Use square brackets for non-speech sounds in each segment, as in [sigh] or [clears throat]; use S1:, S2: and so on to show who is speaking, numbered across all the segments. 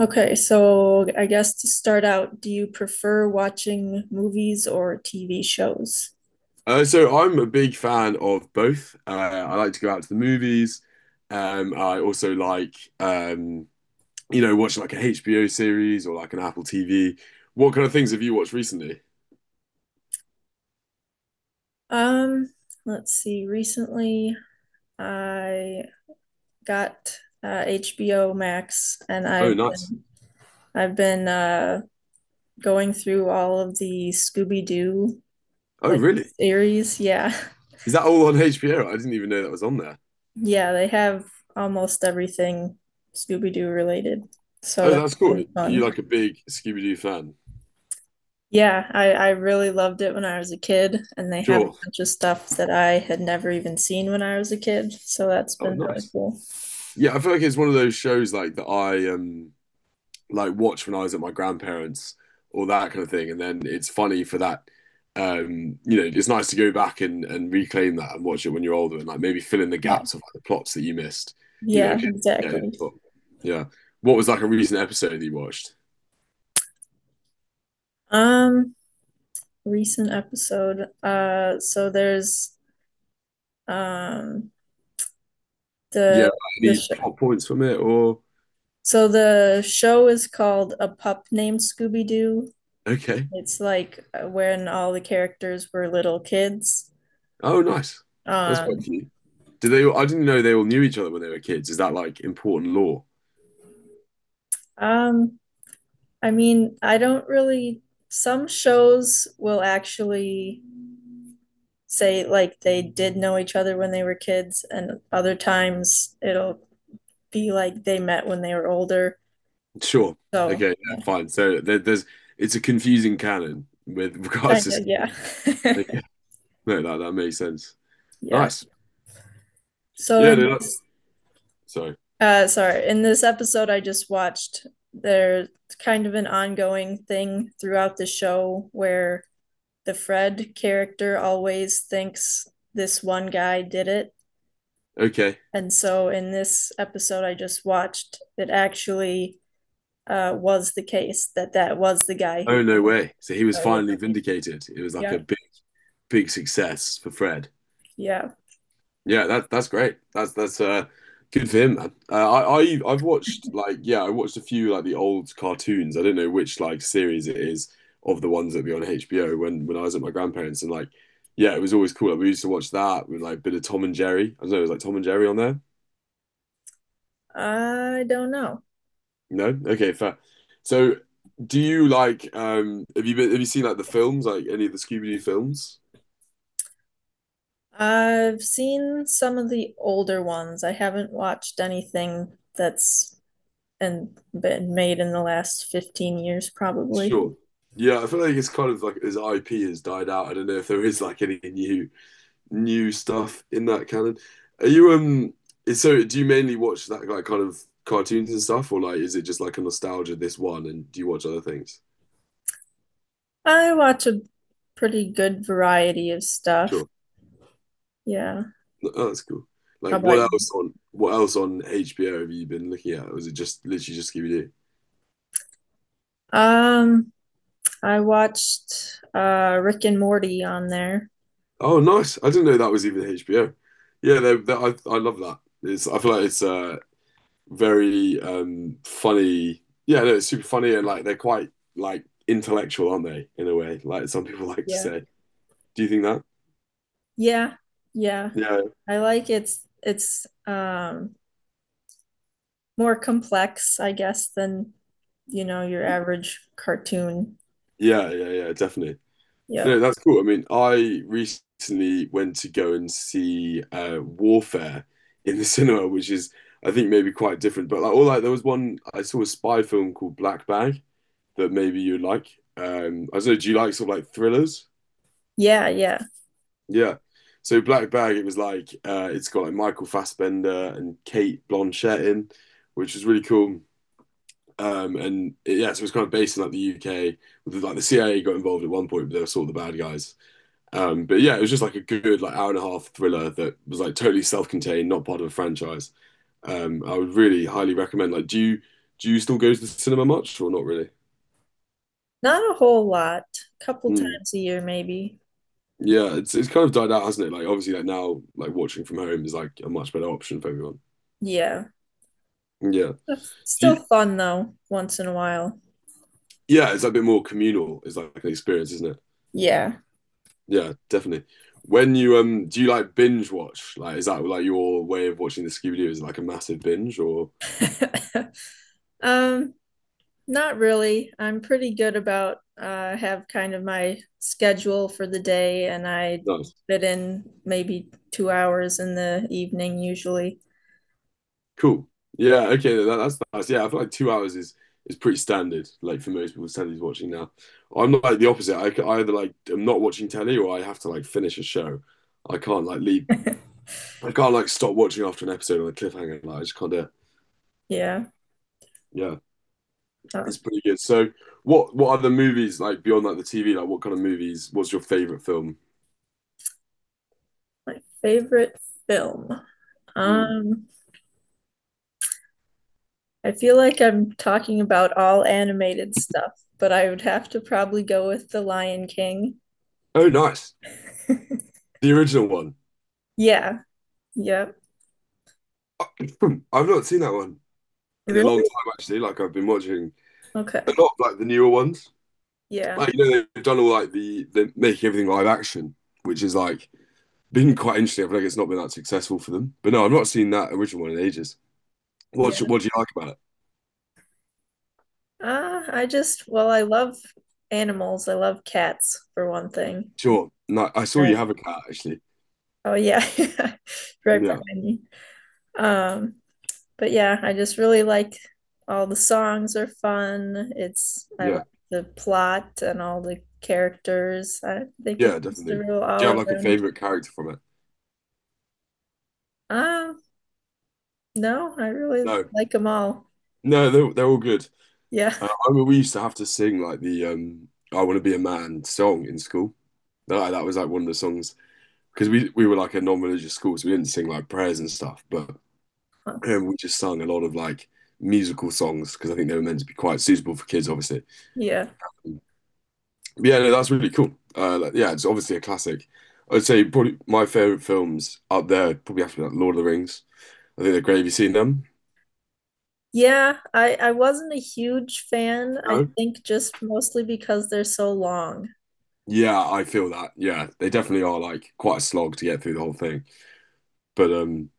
S1: Okay, so I guess to start out, do you prefer watching movies or TV shows?
S2: So I'm a big fan of both. I like to go out to the movies. I also like, um, watch like a HBO series or like an Apple TV. What kind of things have you watched recently?
S1: Um, let's see. Recently, I got HBO Max, and
S2: Oh,
S1: I've
S2: nice.
S1: been I've been uh, going through all of the Scooby-Doo
S2: Oh,
S1: like
S2: really?
S1: series. Yeah, [laughs]
S2: Is that all on HBO? I didn't even know that was on there.
S1: yeah, they have almost everything Scooby-Doo related, so
S2: Oh,
S1: that's
S2: that's cool.
S1: been
S2: Are you
S1: fun.
S2: like a big Scooby-Doo fan?
S1: Yeah, I really loved it when I was a kid, and they have a
S2: Sure.
S1: bunch of stuff that I had never even seen when I was a kid, so that's
S2: Oh,
S1: been really
S2: nice.
S1: cool.
S2: Yeah, I feel like it's one of those shows like that I like watch when I was at my grandparents or that kind of thing. And then it's funny for that. It's nice to go back and reclaim that and watch it when you're older and like maybe fill in the
S1: Yeah,
S2: gaps of like, the plots that you missed. You know,
S1: yeah,
S2: yeah,
S1: exactly.
S2: yeah. What was like a recent episode that you watched?
S1: Um, Recent episode. So there's um
S2: Yeah,
S1: the
S2: like,
S1: the
S2: any
S1: show.
S2: plot points from it or
S1: So the show is called A Pup Named Scooby-Doo.
S2: okay?
S1: It's like when all the characters were little kids.
S2: Oh, nice. That's quite
S1: Um,
S2: cute. Did they? I didn't know they all knew each other when they were kids. Is that like important law?
S1: um, I mean, I don't really. Some shows will actually say like they did know each other when they were kids, and other times it'll be like they met when they were older.
S2: Sure.
S1: So,
S2: Okay. Yeah,
S1: yeah,
S2: fine. So there's it's a confusing canon with [laughs] regards
S1: kind of,
S2: to
S1: yeah. [laughs]
S2: okay. [laughs] No, that makes sense.
S1: Yeah.
S2: Nice.
S1: So
S2: Yeah,
S1: in
S2: no, that-
S1: this,
S2: so
S1: uh, sorry, in this episode I just watched, there's kind of an ongoing thing throughout the show where the Fred character always thinks this one guy did it.
S2: okay.
S1: And so in this episode I just watched, it actually was the case that that was the guy
S2: Oh
S1: who.
S2: no way. So he was
S1: Oh yeah,
S2: finally vindicated. It was like
S1: yeah,
S2: a big big success for Fred.
S1: yeah.
S2: Yeah, that that's great. That's good for him, man. I've watched like yeah, I watched a few like the old cartoons. I don't know which like series it is of the ones that be on HBO when I was at my grandparents and like yeah, it was always cool. Like, we used to watch that with like a bit of Tom and Jerry. I don't know, it was like Tom and Jerry on there.
S1: I don't know.
S2: No? Okay, fair. So do you like have you seen like the films, like any of the Scooby-Doo films?
S1: I've seen some of the older ones. I haven't watched anything that's and been made in the last 15 years probably.
S2: Sure. Yeah, I feel like it's kind of like his IP has died out. I don't know if there is like any new stuff in that canon. Are you so do you mainly watch that like kind of cartoons and stuff or like is it just like a nostalgia this one and do you watch other things?
S1: I watch a pretty good variety of stuff.
S2: Sure.
S1: Yeah.
S2: Oh, that's cool.
S1: How
S2: Like
S1: about you?
S2: what else on HBO have you been looking at? Or is it just literally just Scooby-Doo?
S1: Um, I watched Rick and Morty on there.
S2: Oh, nice. I didn't know that was even HBO. Yeah, they, I love that. It's I feel like it's very funny. Yeah, no, it's super funny and like they're quite like intellectual, aren't they? In a way, like some people [laughs] like to
S1: Yeah.
S2: say. Do you think that?
S1: Yeah, yeah.
S2: Yeah,
S1: I like it's more complex, I guess, than you know, your average cartoon.
S2: yeah, definitely.
S1: Yep.
S2: No, that's cool. I mean, I recently went to go and see Warfare in the [laughs] cinema, which is I think maybe quite different, but like all like there was one I saw a spy film called Black Bag, that maybe you like. I don't know. Do you like sort of like thrillers?
S1: Yeah, yeah.
S2: Yeah. So Black Bag, it was like it's got like Michael Fassbender and Kate Blanchett in, which was really cool. Yeah, so it was kind of based in like the UK. With, like the CIA got involved at one point, but they were sort of the bad guys. But yeah, it was just like a good like hour and a half thriller that was like totally self-contained, not part of a franchise. I would really highly recommend. Like, do you still go to the cinema much or not really?
S1: Not a whole lot. Couple
S2: Hmm.
S1: times a year maybe.
S2: Yeah, it's kind of died out, hasn't it? Like obviously, like now, like watching from home is like a much better option for everyone.
S1: Yeah.
S2: Yeah,
S1: That's still
S2: you,
S1: fun though, once in a while.
S2: yeah, it's a bit more communal. It's like an experience, isn't it?
S1: Yeah.
S2: Yeah, definitely. When you do you like binge watch? Like, is that like your way of watching the Scooby Doo? Is it like a massive binge or
S1: [laughs] Um, Not really. I'm pretty good about have kind of my schedule for the day and I
S2: nice?
S1: fit in maybe 2 hours in the evening usually.
S2: Cool. Yeah. Okay. That's yeah. I feel like 2 hours is pretty standard. Like for most people, telly's watching now. I'm like the opposite. I either like I'm not watching telly or I have to like finish a show. I can't like leave I can't like stop watching after an episode on a cliffhanger. Like I just can't do it.
S1: Yeah.
S2: Yeah,
S1: Huh.
S2: it's pretty good. So, what other movies like beyond like the TV? Like, what kind of movies was your favorite film?
S1: My favorite film.
S2: Hmm.
S1: Um, I feel like I'm talking about all animated stuff, but I would have to probably go with The Lion King.
S2: Oh, nice,
S1: [laughs]
S2: the original one.
S1: Yeah. Yep.
S2: [coughs] [clears throat] I've not seen that one in a long
S1: Really?
S2: time actually. Like I've been watching a
S1: Okay.
S2: lot of, like the newer ones.
S1: Yeah.
S2: Like you know they've done all like the making everything live action, which is like been quite interesting. I feel like it's not been that successful for them. But no, I've not seen that original one in ages.
S1: Yeah.
S2: What do you like about it?
S1: I just, well, I love animals. I love cats for one thing.
S2: Sure. No, I saw you
S1: Uh,
S2: have a cat actually.
S1: Oh yeah. [laughs] Right
S2: Yeah.
S1: behind me. Um, but yeah, I just really like all the songs are fun. It's I like
S2: Yeah,
S1: the plot and all the characters. I think it's
S2: yeah,
S1: just a
S2: definitely.
S1: real
S2: Do you
S1: all
S2: have like a
S1: around.
S2: favorite character from it?
S1: Uh, no, I really
S2: No,
S1: like them all.
S2: no, they're all good.
S1: Yeah.
S2: I mean, we used to have to sing like the "I Want to Be a Man" song in school. That like, that was like one of the songs because we were like a non-religious school, so we didn't sing like prayers and stuff, but
S1: [laughs]
S2: we just sung a lot of like musical songs because I think they were meant to be quite suitable for kids, obviously.
S1: Yeah.
S2: But yeah, no, that's really cool. Like, yeah, it's obviously a classic. I'd say probably my favorite films up there probably have to be like Lord of the Rings. I think they're great. Have you seen them?
S1: Yeah, I wasn't a huge fan. I
S2: No.
S1: think just mostly because they're so long.
S2: Yeah, I feel that. Yeah, they definitely are like quite a slog to get through the whole thing. But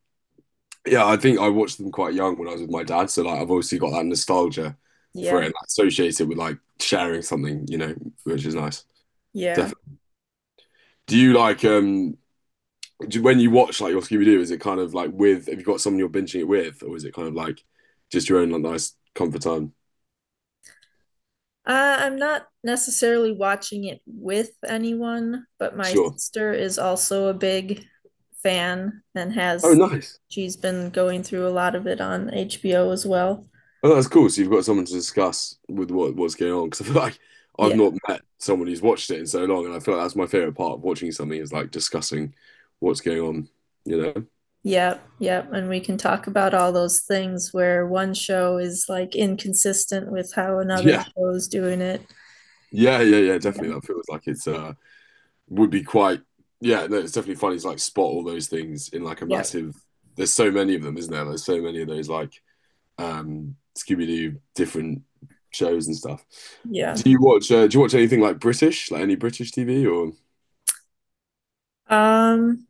S2: yeah, I think I watched them quite young when I was with my dad, so like I've obviously got that nostalgia for it
S1: Yeah.
S2: and I associate it with like sharing something, which is nice.
S1: Yeah.
S2: Definitely. Do you like when you watch like your Scooby Doo, is it kind of like with have you got someone you're binging it with, or is it kind of like just your own like nice comfort time?
S1: I'm not necessarily watching it with anyone, but my
S2: Sure.
S1: sister is also a big fan and
S2: Oh,
S1: has
S2: nice.
S1: she's been going through a lot of it on HBO as well.
S2: Oh, that's cool. So you've got someone to discuss with what's going on because I feel like I've
S1: Yeah,
S2: not met someone who's watched it in so long, and I feel like that's my favorite part of watching something is like discussing what's going on. You know? [laughs]
S1: yeah, yeah. And we can talk about all those things where one show is like inconsistent with how another
S2: Yeah,
S1: show is doing it.
S2: yeah. Definitely,
S1: Yeah,
S2: that feels like it's would be quite. Yeah, no, it's definitely funny to like spot all those things in like a
S1: yeah,
S2: massive. There's so many of them, isn't there? There's so many of those like Scooby-Doo different shows and stuff.
S1: yeah.
S2: Do you watch? Do you watch anything like British, like any British TV or?
S1: Um,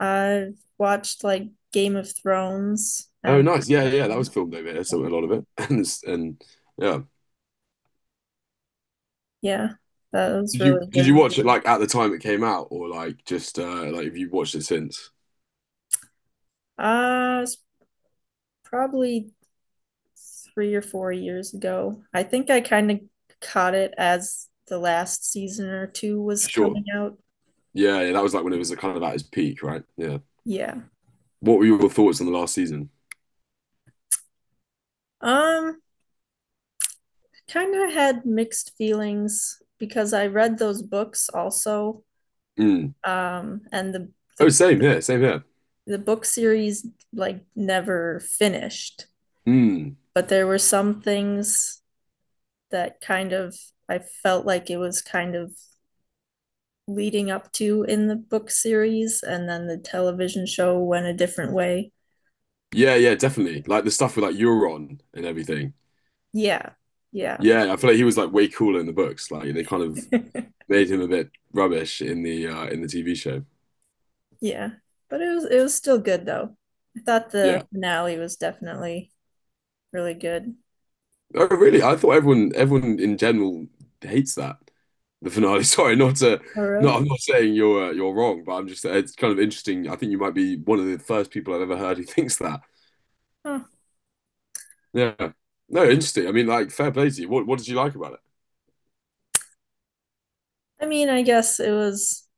S1: I've watched like Game of Thrones
S2: Oh,
S1: and
S2: nice. Yeah, that was filmed over here, so a
S1: um,
S2: lot of it. [laughs] And it's, and yeah.
S1: yeah, that was really
S2: Did you
S1: good.
S2: watch it like at the time it came out or like just like have you watched it since?
S1: It's probably 3 or 4 years ago. I think I kind of caught it as the last season or two was
S2: Sure.
S1: coming out.
S2: Yeah, yeah, that was like when it was kind of at its peak, right? Yeah.
S1: Yeah.
S2: What were your thoughts on the last season?
S1: Um, Kind of had mixed feelings because I read those books also.
S2: Mm.
S1: And
S2: Oh,
S1: the
S2: same here, same here.
S1: the book series like never finished,
S2: Mm.
S1: but there were some things that kind of I felt like it was kind of leading up to in the book series and then the television show went a different way.
S2: Yeah, yeah, definitely. Like the stuff with like Euron and everything.
S1: Yeah. Yeah.
S2: Yeah, I feel like he was like way cooler in the books. Like they kind of
S1: [laughs]
S2: made him a bit rubbish in the TV show.
S1: yeah. But it was still good though. I thought
S2: Yeah.
S1: the finale was definitely really good.
S2: Oh, really? I thought everyone in general hates that. The finale. [laughs] Sorry, not to,
S1: Oh
S2: no,
S1: really?
S2: I'm not saying you're wrong, but I'm just it's kind of interesting. I think you might be one of the first people I've ever heard who [laughs] thinks that.
S1: Huh.
S2: Yeah. No, interesting. I mean, like, fair play to you. What did you like about it?
S1: I mean, I guess it was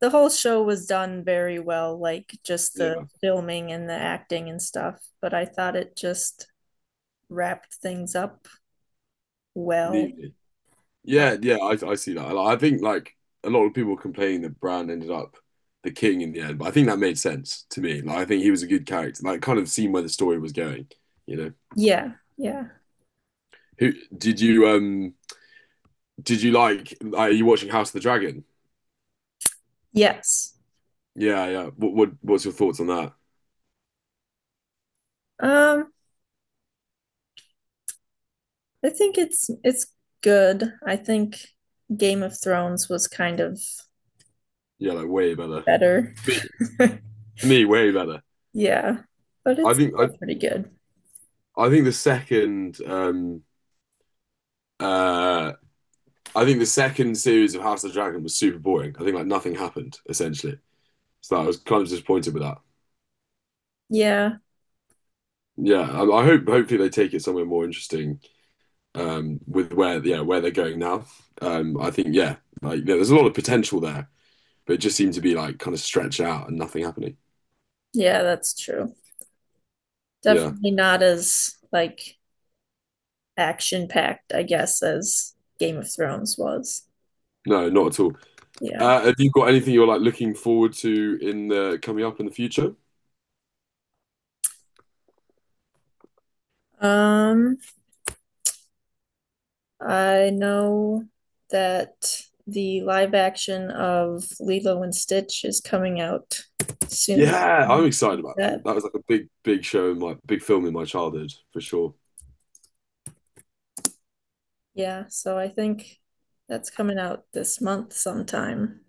S1: the whole show was done very well, like just the
S2: Yeah,
S1: filming and the acting and stuff, but I thought it just wrapped things up well.
S2: neatly.
S1: Uh,
S2: Yeah, yeah, I see that. I think like a lot of people complain that Bran ended up the king in the end, but I think that made sense to me. Like, I think he was a good character. Like, kind of seen where the story was going. You know,
S1: yeah. Yeah.
S2: who did you Are you watching House of the Dragon?
S1: Yes.
S2: Yeah, yeah. What what's your thoughts on that?
S1: Um I think it's good. I think Game of Thrones was kind of
S2: Yeah, like way better.
S1: better.
S2: me,
S1: [laughs]
S2: me, way better.
S1: Yeah, but
S2: I
S1: it's
S2: think I
S1: still pretty good.
S2: I think the second um uh I think the second series of House of the Dragon was super boring. I think like nothing happened essentially. So I was kind of disappointed with that.
S1: Yeah,
S2: Yeah, I hope hopefully they take it somewhere more interesting with where they're going now. I think yeah, yeah, there's a lot of potential there, but it just seemed to be like kind of stretched out and nothing happening.
S1: yeah, that's true.
S2: Yeah.
S1: Definitely not as like action packed, I guess, as Game of Thrones was.
S2: No, not at all.
S1: Yeah.
S2: Have you got anything you're like looking forward to in the coming up in the future?
S1: Um, I know that the live action of Lilo and Stitch is coming out soon.
S2: Yeah, I'm excited about that.
S1: That
S2: That was like a big, big show in my big film in my childhood for sure.
S1: Yeah, so I think that's coming out this month sometime.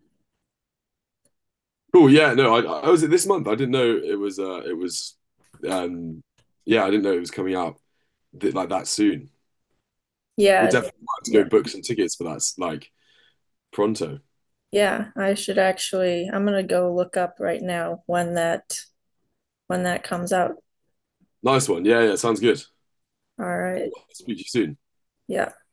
S2: Cool. Yeah, no, I was it this month. I didn't know it was. It was. Um, yeah, I didn't know it was coming out like that soon. We'll
S1: Yeah, it-
S2: definitely have to
S1: yeah,
S2: go book some tickets for that. Like pronto.
S1: yeah. I should actually, I'm gonna go look up right now when that comes out.
S2: Nice one. Yeah, yeah, sounds good.
S1: All right.
S2: Cool. I'll speak to you soon.
S1: Yeah.